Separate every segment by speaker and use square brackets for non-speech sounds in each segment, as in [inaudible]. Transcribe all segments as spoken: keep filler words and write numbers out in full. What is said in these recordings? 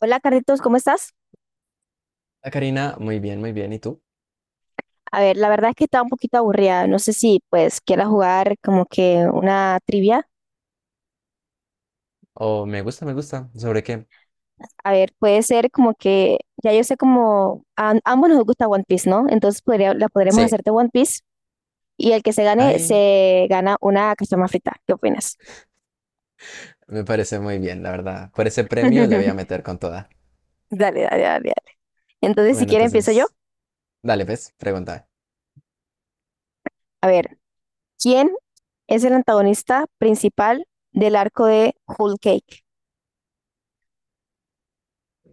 Speaker 1: Hola, Carlitos, ¿cómo estás?
Speaker 2: Hola, Karina, muy bien, muy bien. ¿Y tú?
Speaker 1: A ver, la verdad es que estaba un poquito aburrida. No sé si pues quieras jugar como que una trivia.
Speaker 2: Oh, me gusta, me gusta. ¿Sobre qué?
Speaker 1: A ver, puede ser como que ya yo sé como a ambos nos gusta One Piece, ¿no? Entonces podría, la podremos
Speaker 2: Sí.
Speaker 1: hacer de One Piece y el que se gane
Speaker 2: Ay,
Speaker 1: se gana una cachama frita. ¿Qué opinas?
Speaker 2: me parece muy bien, la verdad. Por ese premio le voy a
Speaker 1: [laughs]
Speaker 2: meter con toda.
Speaker 1: Dale, dale, dale, dale. Entonces, si
Speaker 2: Bueno,
Speaker 1: quiere empiezo yo.
Speaker 2: entonces, dale, pues, pregunta.
Speaker 1: A ver, ¿quién es el antagonista principal del arco de Whole Cake?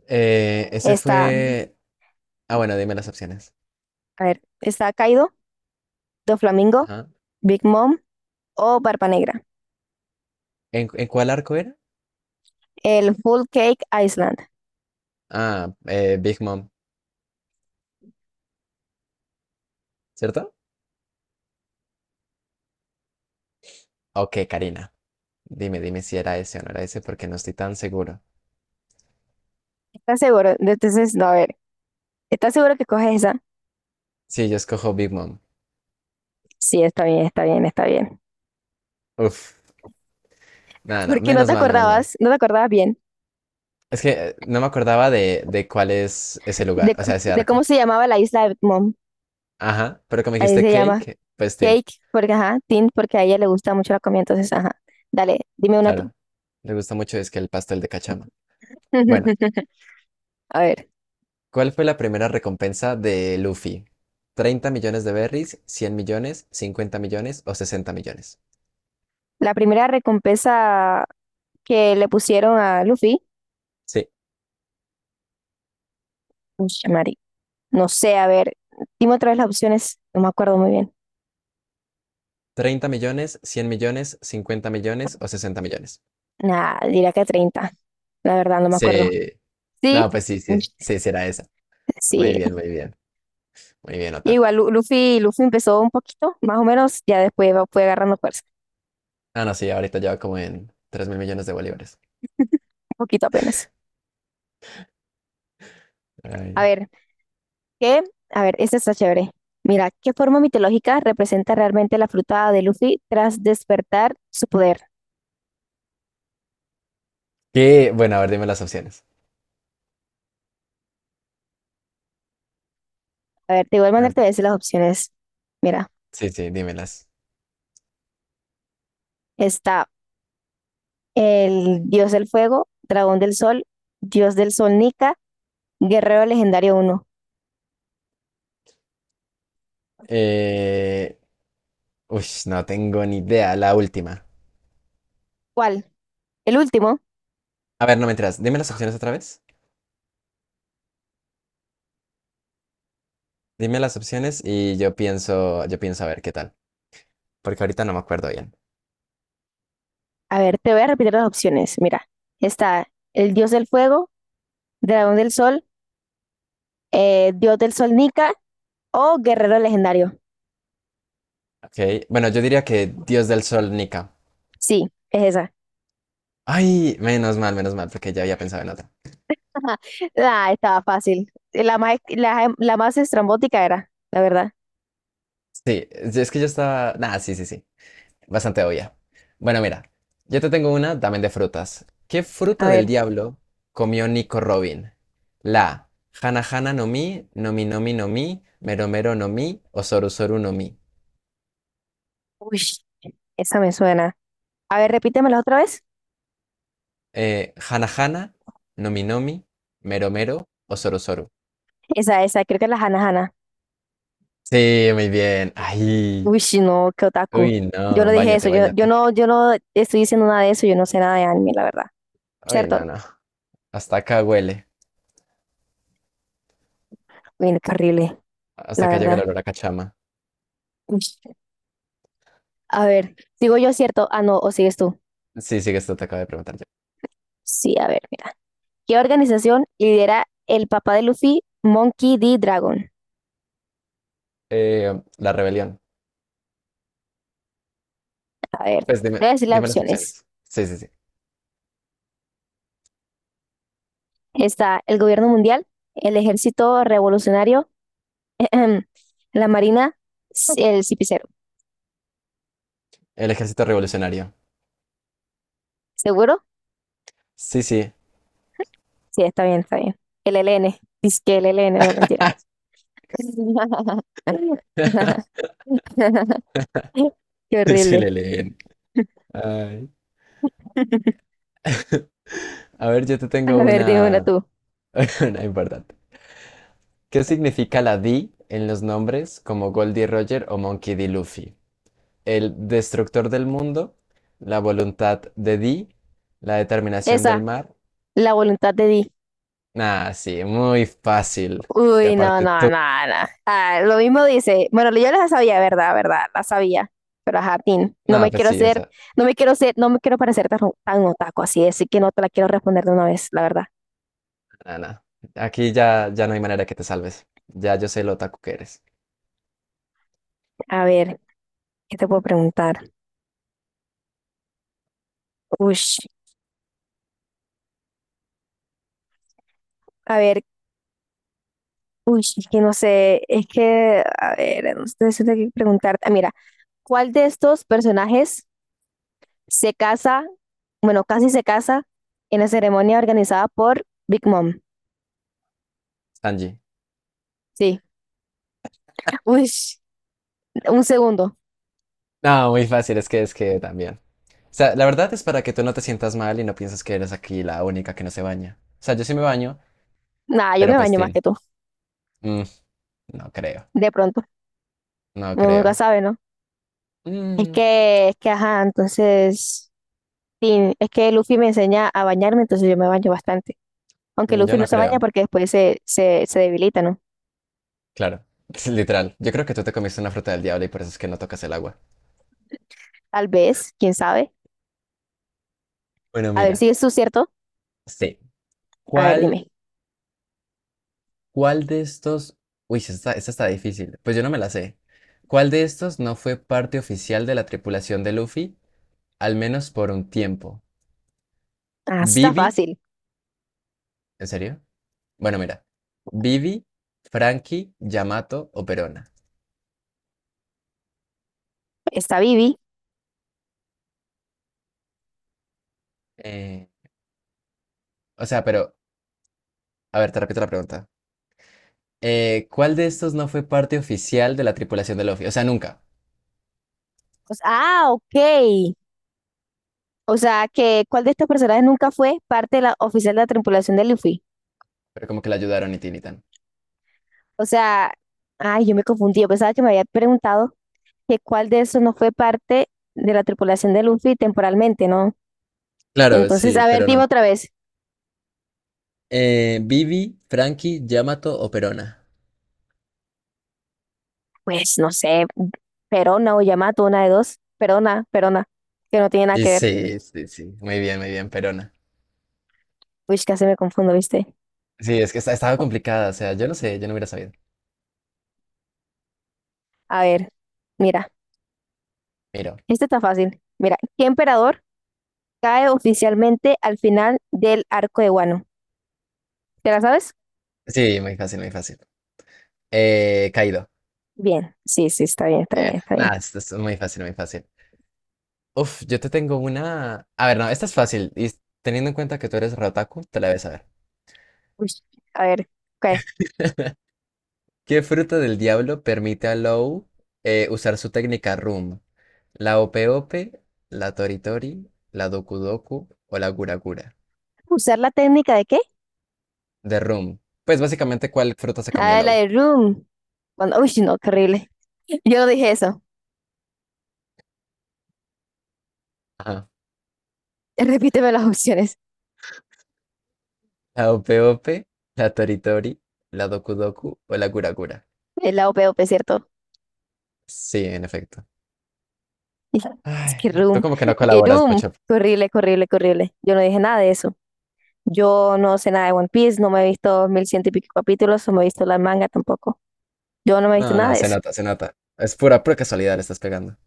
Speaker 2: Eh, ese
Speaker 1: Está,
Speaker 2: fue... Ah, bueno, dime las opciones.
Speaker 1: a ver, está Kaido, Doflamingo,
Speaker 2: Ajá.
Speaker 1: Big Mom o Barba Negra.
Speaker 2: ¿En, en cuál arco era?
Speaker 1: El Full Cake Island.
Speaker 2: Ah, eh, Big Mom, ¿cierto? Ok, Karina. Dime, dime si era ese o no era ese porque no estoy tan seguro.
Speaker 1: ¿Estás seguro? Entonces, no, a ver. ¿Estás seguro que coges esa?
Speaker 2: Sí, yo escojo Big Mom.
Speaker 1: Sí, está bien, está bien, está bien.
Speaker 2: Uf.
Speaker 1: [laughs]
Speaker 2: Nada, no,
Speaker 1: Porque no
Speaker 2: menos
Speaker 1: te
Speaker 2: mal, menos mal.
Speaker 1: acordabas, no te acordabas bien
Speaker 2: Es que eh, no me acordaba de, de cuál es ese
Speaker 1: de,
Speaker 2: lugar, o
Speaker 1: co-
Speaker 2: sea, ese
Speaker 1: de cómo
Speaker 2: arco.
Speaker 1: se llamaba la isla de Mom.
Speaker 2: Ajá, pero como
Speaker 1: Ahí
Speaker 2: dijiste
Speaker 1: se llama
Speaker 2: cake, pues tin,
Speaker 1: Cake, porque ajá, Tin, porque a ella le gusta mucho la comida, entonces ajá. Dale, dime una
Speaker 2: claro.
Speaker 1: tú.
Speaker 2: Le gusta mucho es que el pastel de cachama. Bueno,
Speaker 1: [laughs] A ver,
Speaker 2: ¿cuál fue la primera recompensa de Luffy? Treinta millones de berries, cien millones, cincuenta millones o sesenta millones?
Speaker 1: la primera recompensa que le pusieron a Luffy,
Speaker 2: Sí,
Speaker 1: ush, Mari, no sé, a ver, dime otra vez las opciones, no me acuerdo muy bien.
Speaker 2: treinta millones, cien millones, cincuenta millones o sesenta millones.
Speaker 1: Nada, diría que treinta. La verdad, no me acuerdo.
Speaker 2: Sí.
Speaker 1: Sí.
Speaker 2: No, pues sí,
Speaker 1: Uy.
Speaker 2: sí, sí, será esa. Muy
Speaker 1: Sí.
Speaker 2: bien, muy bien. Muy bien, Otaku.
Speaker 1: Igual Lu- Luffy, Luffy empezó un poquito, más o menos, ya después va- fue agarrando fuerza,
Speaker 2: Ah, no, sí, ahorita lleva como en tres mil millones de bolívares.
Speaker 1: un poquito apenas. A
Speaker 2: Ay.
Speaker 1: ver, ¿qué? A ver, esta está chévere. Mira, ¿qué forma mitológica representa realmente la fruta de Luffy tras despertar su poder?
Speaker 2: ¿Qué? Bueno, a ver, dime las opciones.
Speaker 1: A ver, de igual
Speaker 2: A
Speaker 1: manera
Speaker 2: ver,
Speaker 1: te voy a decir las opciones. Mira,
Speaker 2: sí, sí, dímelas.
Speaker 1: está el dios del fuego, dragón del sol, dios del sol Nika, guerrero legendario uno.
Speaker 2: Eh, uy, no tengo ni idea. La última.
Speaker 1: ¿Cuál? El último.
Speaker 2: A ver, no me enteras. Dime las opciones otra vez. Dime las opciones y yo pienso, yo pienso a ver qué tal. Porque ahorita no me acuerdo bien.
Speaker 1: A ver, te voy a repetir las opciones. Mira, está el dios del fuego, dragón del sol, eh, dios del sol Nika o guerrero legendario.
Speaker 2: Ok. Bueno, yo diría que Dios del Sol, Nika.
Speaker 1: Sí, es esa.
Speaker 2: Ay, menos mal, menos mal, porque ya había pensado en otra.
Speaker 1: [laughs] Ah, estaba fácil. La más, la, la más estrambótica era, la verdad.
Speaker 2: Sí, es que yo estaba. Nah, sí, sí, sí. Bastante obvia. Bueno, mira, yo te tengo una también de frutas. ¿Qué
Speaker 1: A
Speaker 2: fruta
Speaker 1: ver,
Speaker 2: del diablo comió Nico Robin? La A, Hana Hana no Mi no Mi no Mi no Mi, Mero Mero no Mi o Soru Soru no Mi.
Speaker 1: uy, esa me suena. A ver, repítemela otra vez.
Speaker 2: Eh, Hana Hana, no Mi no Mi, Mero Mero o Soru Soru.
Speaker 1: Esa, esa, creo que es la Hana Hana.
Speaker 2: Sí, muy bien. Ay,
Speaker 1: Uy, no, qué otaku.
Speaker 2: uy,
Speaker 1: Yo no
Speaker 2: no,
Speaker 1: dije eso,
Speaker 2: báñate,
Speaker 1: yo, yo
Speaker 2: báñate.
Speaker 1: no, yo no estoy diciendo nada de eso, yo no sé nada de anime, la verdad.
Speaker 2: Uy, no,
Speaker 1: ¿Cierto?
Speaker 2: no. Hasta acá huele.
Speaker 1: Uy, qué horrible,
Speaker 2: Hasta
Speaker 1: la
Speaker 2: acá llega el
Speaker 1: verdad.
Speaker 2: olor a cachama.
Speaker 1: Uy. A ver, digo yo cierto. Ah, no, o sigues tú.
Speaker 2: Sí, sí, que esto te acabo de preguntar yo.
Speaker 1: Sí, a ver, mira. ¿Qué organización lidera el papá de Luffy, Monkey D. Dragon?
Speaker 2: Eh, la rebelión.
Speaker 1: A ver,
Speaker 2: Pues dime,
Speaker 1: voy a decir las
Speaker 2: dime las
Speaker 1: opciones.
Speaker 2: opciones. Sí, sí, sí.
Speaker 1: Está el gobierno mundial, el ejército revolucionario, [clears throat] la marina, c- el cipicero.
Speaker 2: El ejército revolucionario.
Speaker 1: ¿Seguro?
Speaker 2: Sí, sí.
Speaker 1: Sí, está bien, está bien. El L N. Dice que el L LN, no mentira. [laughs]
Speaker 2: [laughs]
Speaker 1: Qué
Speaker 2: Sí
Speaker 1: horrible.
Speaker 2: le leen. Ay.
Speaker 1: [laughs]
Speaker 2: A ver, yo te
Speaker 1: A
Speaker 2: tengo
Speaker 1: ver, dime una
Speaker 2: una,
Speaker 1: tú.
Speaker 2: [laughs] una importante. ¿Qué significa la D en los nombres como Goldie Roger o Monkey D. Luffy? El destructor del mundo, la voluntad de D, la determinación del
Speaker 1: Esa,
Speaker 2: mar.
Speaker 1: la voluntad de Di.
Speaker 2: Nah, sí, muy fácil. Y
Speaker 1: Uy, no,
Speaker 2: aparte
Speaker 1: no,
Speaker 2: tú.
Speaker 1: no, no. Ah, lo mismo dice, bueno, yo la sabía, ¿verdad? ¿Verdad? La sabía. Pero ajá, Tin, no
Speaker 2: Nah,
Speaker 1: me
Speaker 2: pues
Speaker 1: quiero
Speaker 2: sí, o
Speaker 1: hacer
Speaker 2: sea,
Speaker 1: no me quiero ser, no me quiero parecer tan, tan otaku así, así que no te la quiero responder de una vez, la verdad.
Speaker 2: nada. Nah. Aquí ya, ya no hay manera que te salves. Ya yo sé lo otaku que eres.
Speaker 1: A ver, ¿qué te puedo preguntar? Uy, a ver, uy, es que no sé, es que, a ver, no sé, siento que preguntarte. Ah, mira, ¿cuál de estos personajes se casa, bueno, casi se casa en la ceremonia organizada por Big Mom?
Speaker 2: Sanji.
Speaker 1: Sí, uy, un segundo.
Speaker 2: No, muy fácil, es que es que también. O sea, la verdad es para que tú no te sientas mal y no pienses que eres aquí la única que no se baña. O sea, yo sí me baño,
Speaker 1: Nada, yo
Speaker 2: pero
Speaker 1: me
Speaker 2: pues,
Speaker 1: baño más
Speaker 2: tin,
Speaker 1: que tú,
Speaker 2: mm, no creo,
Speaker 1: de pronto.
Speaker 2: no
Speaker 1: Uno nunca
Speaker 2: creo.
Speaker 1: sabe, ¿no? Es
Speaker 2: Mm,
Speaker 1: que, es que, ajá, entonces, sí, es que Luffy me enseña a bañarme, entonces yo me baño bastante. Aunque
Speaker 2: yo
Speaker 1: Luffy no
Speaker 2: no
Speaker 1: se baña
Speaker 2: creo,
Speaker 1: porque después se, se, se debilita, ¿no?
Speaker 2: claro. [laughs] Literal, yo creo que tú te comiste una fruta del diablo y por eso es que no tocas el agua.
Speaker 1: Tal vez, quién sabe.
Speaker 2: Bueno,
Speaker 1: A ver
Speaker 2: mira,
Speaker 1: si es su cierto.
Speaker 2: sí.
Speaker 1: A ver,
Speaker 2: ¿Cuál,
Speaker 1: dime.
Speaker 2: cuál de estos... Uy, sí, esta, está- esta está difícil. Pues yo no me la sé. ¿Cuál de estos no fue parte oficial de la tripulación de Luffy, al menos por un tiempo?
Speaker 1: Ah, sí está
Speaker 2: ¿Bibi?
Speaker 1: fácil.
Speaker 2: ¿En serio? Bueno, mira. Vivi, Frankie, Yamato o Perona.
Speaker 1: Está Vivi.
Speaker 2: Eh, o sea, pero, a ver, te repito la pregunta. Eh, ¿cuál de estos no fue parte oficial de la tripulación de Luffy? O sea, nunca.
Speaker 1: O sea, ah, ok. O sea, que ¿cuál de estos personajes nunca fue parte de la oficial de la tripulación de Luffy?
Speaker 2: Pero como que la ayudaron y tin.
Speaker 1: O sea, ay, yo me confundí. Yo pensaba que me había preguntado que cuál de esos no fue parte de la tripulación de Luffy temporalmente, ¿no?
Speaker 2: Claro,
Speaker 1: Entonces,
Speaker 2: sí,
Speaker 1: a ver,
Speaker 2: pero
Speaker 1: dime
Speaker 2: no.
Speaker 1: otra vez.
Speaker 2: Eh, Vivi, Frankie, Yamato o Perona.
Speaker 1: Pues no sé, Perona o Yamato, una de dos. Perona, Perona, que no tiene nada
Speaker 2: Y
Speaker 1: que ver.
Speaker 2: sí, sí, sí. Muy bien, muy bien, Perona.
Speaker 1: Uy, casi me confundo, ¿viste?
Speaker 2: Sí, es que esta- estaba complicada. O sea, yo no sé, yo no hubiera sabido.
Speaker 1: A ver, mira,
Speaker 2: Miro.
Speaker 1: este está fácil. Mira, ¿qué emperador cae oficialmente al final del arco de Wano? ¿Te la sabes?
Speaker 2: Sí, muy fácil, muy fácil. Eh, Kaido.
Speaker 1: Bien, sí, sí, está bien, está bien,
Speaker 2: Bien.
Speaker 1: está
Speaker 2: Nada,
Speaker 1: bien.
Speaker 2: esto es muy fácil, muy fácil. Uf, yo te tengo una. A ver, no, esta es fácil. Y teniendo en cuenta que tú eres Rotaku, te la debes saber.
Speaker 1: Uy, a ver, ok.
Speaker 2: [laughs] ¿Qué fruta del diablo permite a Low eh, usar su técnica Room? ¿La Ope Ope, la Tori Tori, la Doku Doku o la Gura Gura?
Speaker 1: ¿Usar la técnica de qué?
Speaker 2: De Room. Pues básicamente, ¿cuál fruta se comió
Speaker 1: Ah, la
Speaker 2: Low?
Speaker 1: de Room. Cuando, uy, no, qué horrible. [laughs] Yo no dije eso.
Speaker 2: Ajá.
Speaker 1: [laughs] Repíteme las opciones.
Speaker 2: ¿La Ope Ope, la Tori Tori, la Doku Doku o la Gura Gura?
Speaker 1: Es la O P, O P, ¿cierto?
Speaker 2: Sí, en efecto.
Speaker 1: [laughs] Es que
Speaker 2: Ay, tú
Speaker 1: Room,
Speaker 2: como que no
Speaker 1: que
Speaker 2: colaboras
Speaker 1: Room.
Speaker 2: mucho.
Speaker 1: Qué horrible, qué horrible, qué horrible. Yo no dije nada de eso. Yo no sé nada de One Piece, no me he visto mil ciento y pico capítulos, no me he visto la manga tampoco. Yo no me he visto
Speaker 2: No,
Speaker 1: nada
Speaker 2: no,
Speaker 1: de
Speaker 2: se
Speaker 1: eso.
Speaker 2: nota, se nota. Es pura, pura casualidad le estás pegando.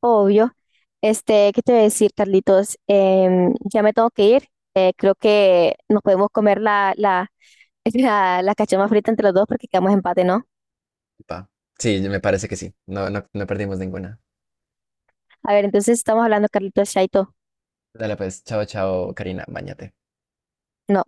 Speaker 1: Obvio. Este, ¿qué te voy a decir, Carlitos? Em, ya me tengo que ir. Eh, creo que nos podemos comer la, la, [laughs] la, la cachama frita entre los dos porque quedamos empate, ¿no?
Speaker 2: Pa. Sí, me parece que sí. No, no, no perdimos ninguna.
Speaker 1: A ver, entonces estamos hablando, Carlitos, Chaito.
Speaker 2: Dale pues, chao, chao, Karina, bañate.
Speaker 1: No.